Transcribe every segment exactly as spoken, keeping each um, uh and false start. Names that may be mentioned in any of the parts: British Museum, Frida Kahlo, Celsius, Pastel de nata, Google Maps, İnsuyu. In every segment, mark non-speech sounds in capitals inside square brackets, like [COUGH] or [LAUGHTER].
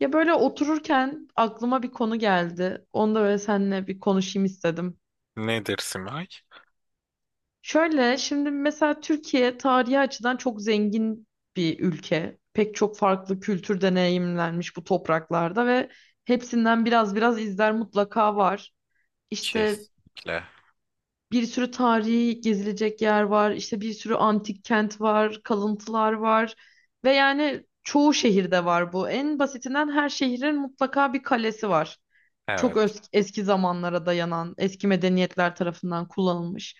Ya böyle otururken aklıma bir konu geldi. Onu da böyle seninle bir konuşayım istedim. Nedir Simay? Şöyle şimdi mesela Türkiye tarihi açıdan çok zengin bir ülke. Pek çok farklı kültür deneyimlenmiş bu topraklarda ve hepsinden biraz biraz izler mutlaka var. İşte Kesinlikle. bir sürü tarihi gezilecek yer var. İşte bir sürü antik kent var, kalıntılar var. Ve yani çoğu şehirde var bu. En basitinden her şehrin mutlaka bir kalesi var. Çok Evet, öz- eski zamanlara dayanan, eski medeniyetler tarafından kullanılmış.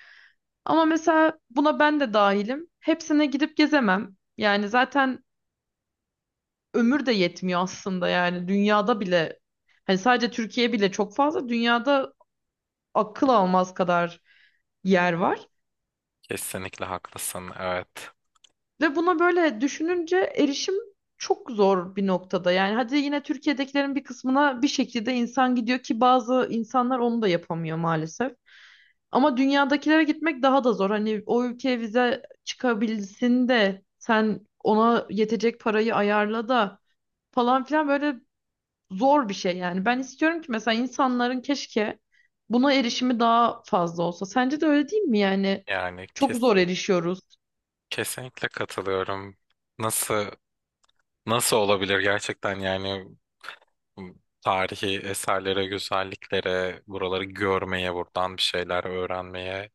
Ama mesela buna ben de dahilim. Hepsine gidip gezemem. Yani zaten ömür de yetmiyor aslında, yani dünyada bile, hani sadece Türkiye bile çok fazla, dünyada akıl almaz kadar yer var. kesinlikle haklısın. Evet. Ve buna böyle düşününce erişim çok zor bir noktada. Yani hadi yine Türkiye'dekilerin bir kısmına bir şekilde insan gidiyor ki bazı insanlar onu da yapamıyor maalesef. Ama dünyadakilere gitmek daha da zor. Hani o ülkeye vize çıkabilsin de sen ona yetecek parayı ayarla da falan filan, böyle zor bir şey yani. Ben istiyorum ki mesela insanların keşke buna erişimi daha fazla olsa. Sence de öyle değil mi yani? Yani Çok kes, zor erişiyoruz. kesinlikle katılıyorum. Nasıl nasıl olabilir gerçekten yani, m, tarihi eserlere, güzelliklere, buraları görmeye, buradan bir şeyler öğrenmeye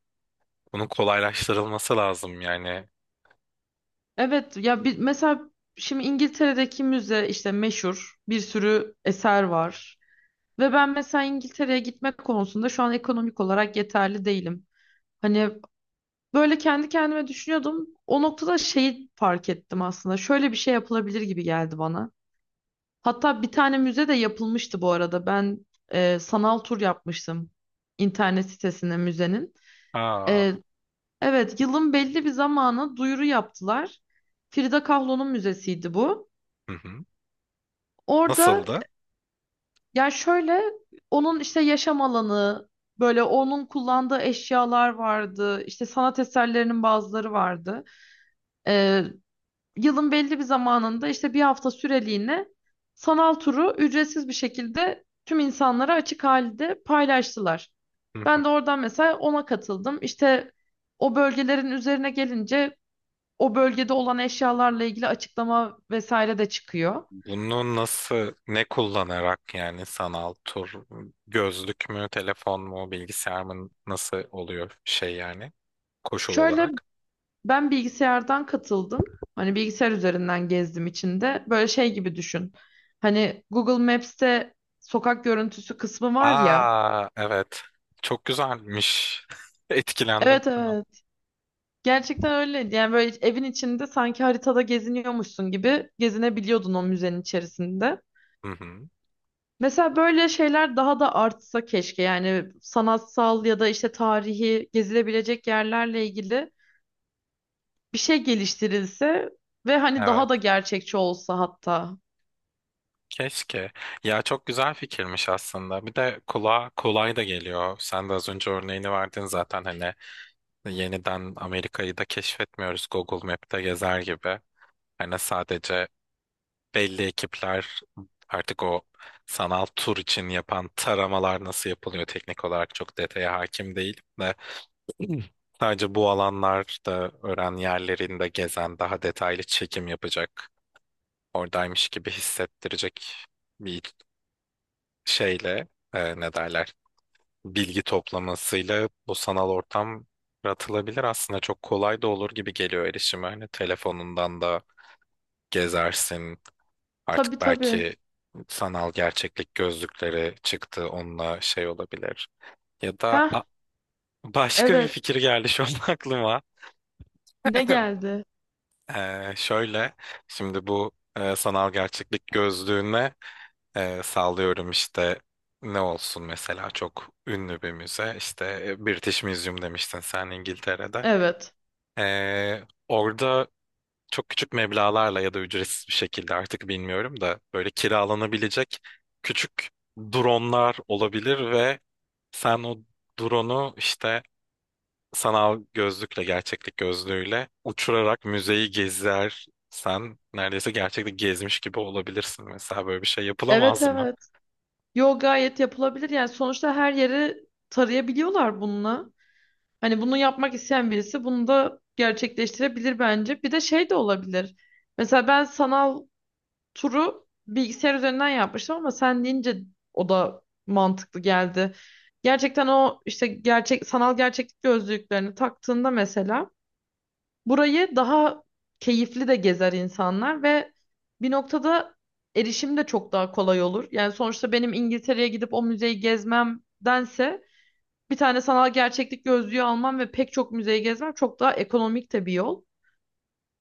bunun kolaylaştırılması lazım yani. Evet ya bir, mesela şimdi İngiltere'deki müze, işte meşhur bir sürü eser var. Ve ben mesela İngiltere'ye gitmek konusunda şu an ekonomik olarak yeterli değilim. Hani Böyle kendi kendime düşünüyordum. O noktada şeyi fark ettim aslında. Şöyle bir şey yapılabilir gibi geldi bana. Hatta bir tane müze de yapılmıştı bu arada. Ben e, sanal tur yapmıştım internet sitesine müzenin. Aa, E, evet, yılın belli bir zamanı duyuru yaptılar. Frida Kahlo'nun müzesiydi bu. hı hı. Orada Nasıldı? yani şöyle, onun işte yaşam alanı, böyle onun kullandığı eşyalar vardı. İşte sanat eserlerinin bazıları vardı. E, yılın belli bir zamanında işte bir hafta süreliğine sanal turu ücretsiz bir şekilde tüm insanlara açık halde paylaştılar. Ben de oradan mesela ona katıldım. İşte o bölgelerin üzerine gelince o bölgede olan eşyalarla ilgili açıklama vesaire de çıkıyor. Bunu nasıl, ne kullanarak yani sanal tur, gözlük mü, telefon mu, bilgisayar mı nasıl oluyor şey yani koşul Şöyle, olarak? ben bilgisayardan katıldım. Hani bilgisayar üzerinden gezdim içinde. Böyle şey gibi düşün. Hani Google Maps'te sokak görüntüsü kısmı var ya. Aa, evet. Çok güzelmiş. [LAUGHS] Etkilendim Evet, şu an. evet. Gerçekten öyle. Yani böyle evin içinde sanki haritada geziniyormuşsun gibi gezinebiliyordun o müzenin içerisinde. Hı hı. Mesela böyle şeyler daha da artsa keşke. Yani sanatsal ya da işte tarihi gezilebilecek yerlerle ilgili bir şey geliştirilse ve hani Evet. daha da gerçekçi olsa hatta. Keşke. Ya, çok güzel fikirmiş aslında. Bir de kulağa kolay da geliyor. Sen de az önce örneğini verdin zaten, hani yeniden Amerika'yı da keşfetmiyoruz, Google Map'te gezer gibi. Hani sadece belli ekipler artık o sanal tur için yapan taramalar, nasıl yapılıyor teknik olarak çok detaya hakim değilim de, [CLEARS THROAT] sadece bu alanlarda öğren yerlerinde gezen daha detaylı çekim yapacak, oradaymış gibi hissettirecek bir şeyle, e, ne derler, bilgi toplamasıyla bu sanal ortam yaratılabilir aslında, çok kolay da olur gibi geliyor erişime. Hani telefonundan da gezersin. Tabii, Artık tabii. belki sanal gerçeklik gözlükleri çıktı, onunla şey olabilir. Ya da a, Ha, başka bir evet. fikir geldi şu an [LAUGHS] aklıma. Ne [CLEARS THROAT] geldi? Ee, şöyle şimdi bu e, sanal gerçeklik gözlüğüne e, sallıyorum işte, ne olsun mesela, çok ünlü bir müze işte, e, British Museum demiştin sen, İngiltere'de. Evet. Ee, orada çok küçük meblağlarla ya da ücretsiz bir şekilde, artık bilmiyorum da, böyle kiralanabilecek küçük dronlar olabilir ve sen o drone'u işte sanal gözlükle, gerçeklik gözlüğüyle uçurarak müzeyi gezersen neredeyse gerçekte gezmiş gibi olabilirsin. Mesela böyle bir şey Evet, yapılamaz mı? evet. Yo, gayet yapılabilir. Yani sonuçta her yeri tarayabiliyorlar bununla. Hani bunu yapmak isteyen birisi bunu da gerçekleştirebilir bence. Bir de şey de olabilir. Mesela ben sanal turu bilgisayar üzerinden yapmıştım ama sen deyince o da mantıklı geldi. Gerçekten o, işte gerçek sanal gerçeklik gözlüklerini taktığında mesela burayı daha keyifli de gezer insanlar ve bir noktada erişim de çok daha kolay olur. Yani sonuçta benim İngiltere'ye gidip o müzeyi gezmemdense bir tane sanal gerçeklik gözlüğü almam ve pek çok müzeyi gezmem çok daha ekonomik de bir yol.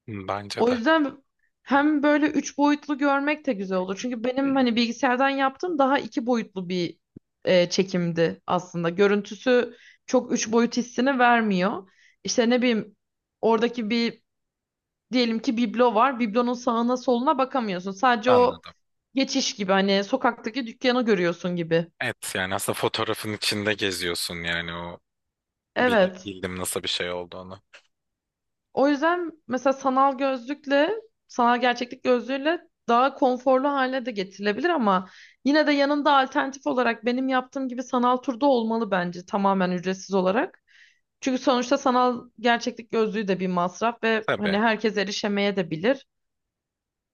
Hı, Bence O de. yüzden hem böyle üç boyutlu görmek de güzel olur. Çünkü benim hani bilgisayardan yaptığım daha iki boyutlu bir e, çekimdi aslında. Görüntüsü çok üç boyut hissini vermiyor. İşte ne bileyim, oradaki bir, diyelim ki, biblo var. Biblonun sağına soluna bakamıyorsun. Sadece o Anladım. geçiş gibi, hani sokaktaki dükkanı görüyorsun gibi. Evet, yani aslında fotoğrafın içinde geziyorsun yani, o bil- Evet. bildim nasıl bir şey olduğunu. O yüzden mesela sanal gözlükle, sanal gerçeklik gözlüğüyle daha konforlu hale de getirilebilir ama yine de yanında alternatif olarak benim yaptığım gibi sanal turda olmalı bence, tamamen ücretsiz olarak. Çünkü sonuçta sanal gerçeklik gözlüğü de bir masraf ve hani Tabii. herkes erişemeye de bilir.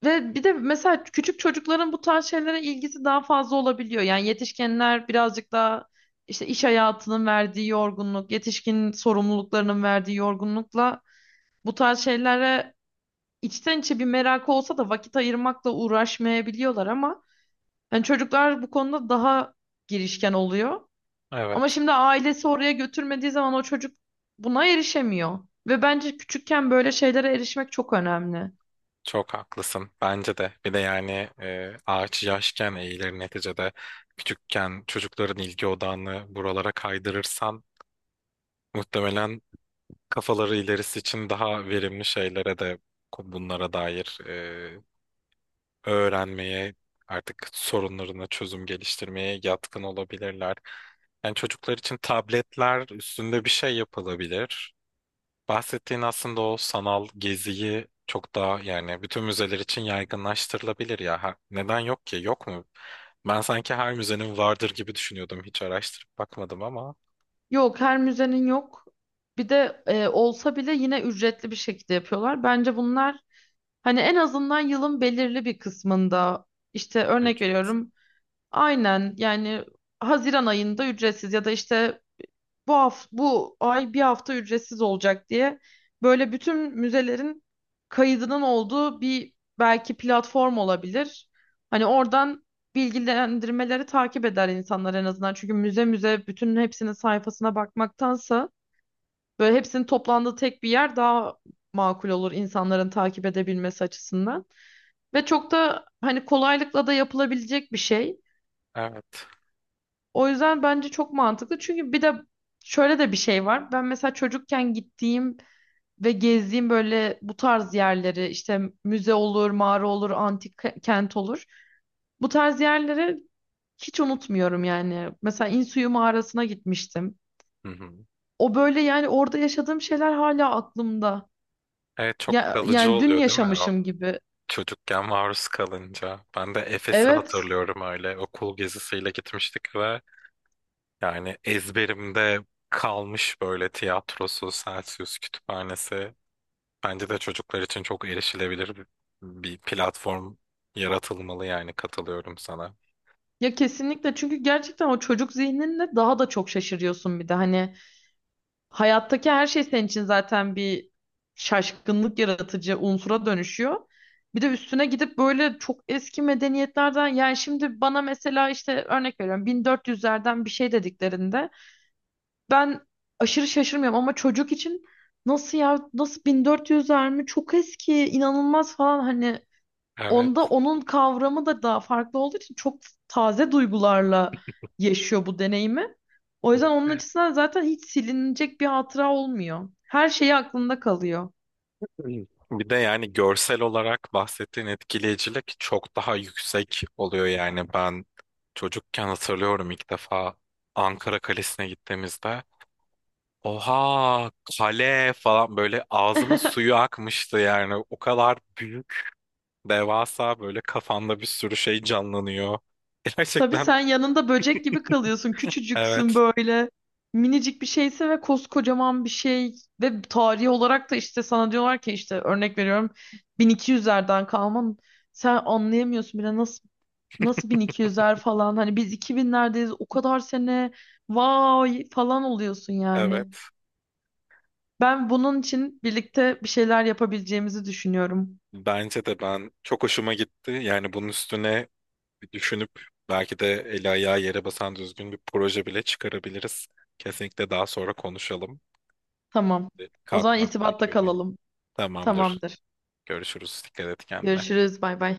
Ve bir de mesela küçük çocukların bu tarz şeylere ilgisi daha fazla olabiliyor. Yani yetişkinler birazcık daha işte iş hayatının verdiği yorgunluk, yetişkin sorumluluklarının verdiği yorgunlukla bu tarz şeylere içten içe bir merakı olsa da vakit ayırmakla uğraşmayabiliyorlar ama yani çocuklar bu konuda daha girişken oluyor. Ama Evet. şimdi ailesi oraya götürmediği zaman o çocuk buna erişemiyor. Ve bence küçükken böyle şeylere erişmek çok önemli. Çok haklısın. Bence de. Bir de yani, e, ağaç yaşken eğilir neticede. Küçükken çocukların ilgi odağını buralara kaydırırsan muhtemelen kafaları ilerisi için daha verimli şeylere de, bunlara dair e, öğrenmeye, artık sorunlarına çözüm geliştirmeye yatkın olabilirler. Yani çocuklar için tabletler üstünde bir şey yapılabilir. Bahsettiğin aslında o sanal geziyi çok daha, yani bütün müzeler için yaygınlaştırılabilir ya. Ha- neden yok ki? Yok mu? Ben sanki her müzenin vardır gibi düşünüyordum. Hiç araştırıp bakmadım ama. Yok, her müzenin yok. Bir de e, olsa bile yine ücretli bir şekilde yapıyorlar. Bence bunlar hani en azından yılın belirli bir kısmında, işte örnek Ücret. veriyorum. Aynen yani, Haziran ayında ücretsiz ya da işte bu hafta, bu ay bir hafta ücretsiz olacak diye böyle bütün müzelerin kaydının olduğu bir belki platform olabilir. Hani oradan bilgilendirmeleri takip eder insanlar en azından. Çünkü müze müze bütün hepsinin sayfasına bakmaktansa böyle hepsinin toplandığı tek bir yer daha makul olur insanların takip edebilmesi açısından. Ve çok da hani kolaylıkla da yapılabilecek bir şey. Evet. O yüzden bence çok mantıklı. Çünkü bir de şöyle de bir şey var. Ben mesela çocukken gittiğim ve gezdiğim böyle bu tarz yerleri, işte müze olur, mağara olur, antik ke- kent olur. Bu tarz yerleri hiç unutmuyorum yani. Mesela İnsuyu mağarasına gitmiştim. Hı hı. O böyle, yani orada yaşadığım şeyler hala aklımda. Evet, çok Ya, kalıcı yani dün oluyor değil mi? O yaşamışım gibi. çocukken maruz kalınca. Ben de Efes'i Evet. hatırlıyorum öyle. Okul gezisiyle gitmiştik ve yani ezberimde kalmış böyle, tiyatrosu, Celsius kütüphanesi. Bence de çocuklar için çok erişilebilir bir, bir platform yaratılmalı, yani katılıyorum sana. Ya, kesinlikle, çünkü gerçekten o çocuk zihninle daha da çok şaşırıyorsun. Bir de hani hayattaki her şey senin için zaten bir şaşkınlık yaratıcı unsura dönüşüyor. Bir de üstüne gidip böyle çok eski medeniyetlerden, yani şimdi bana mesela işte örnek veriyorum bin dört yüzlerden bir şey dediklerinde ben aşırı şaşırmıyorum ama çocuk için, nasıl ya, nasıl bin dört yüzler mi, çok eski, inanılmaz falan hani. Evet. Onda onun kavramı da daha farklı olduğu için çok taze duygularla yaşıyor bu deneyimi. O yüzden onun açısından zaten hiç silinecek bir hatıra olmuyor. Her şeyi aklında kalıyor. [CLEARS THROAT] Bir de yani görsel olarak bahsettiğin etkileyicilik çok daha yüksek oluyor. Yani ben çocukken hatırlıyorum, ilk defa Ankara Kalesi'ne gittiğimizde, oha, kale falan, böyle ağzımın [LAUGHS] suyu akmıştı. Yani o kadar büyük, devasa, böyle kafanda bir sürü şey canlanıyor. [LAUGHS] Tabii, Gerçekten sen yanında böcek gibi kalıyorsun. Küçücüksün evet, böyle. Minicik bir şeyse ve koskocaman bir şey. Ve tarihi olarak da işte sana diyorlar ki, işte örnek veriyorum, bin iki yüzlerden kalman. Sen anlayamıyorsun bile. Nasıl Nasıl bin iki yüzler falan, hani biz iki binlerdeyiz, o kadar sene, vay falan oluyorsun yani. evet. Ben bunun için birlikte bir şeyler yapabileceğimizi düşünüyorum. Bence de, ben çok hoşuma gitti. Yani bunun üstüne bir düşünüp belki de eli ayağı yere basan düzgün bir proje bile çıkarabiliriz. Kesinlikle, daha sonra konuşalım. Tamam. O zaman Kalkmam irtibatta gerekiyor benim. kalalım. Tamamdır. Tamamdır. Görüşürüz. Dikkat et kendine. Görüşürüz. Bay bay.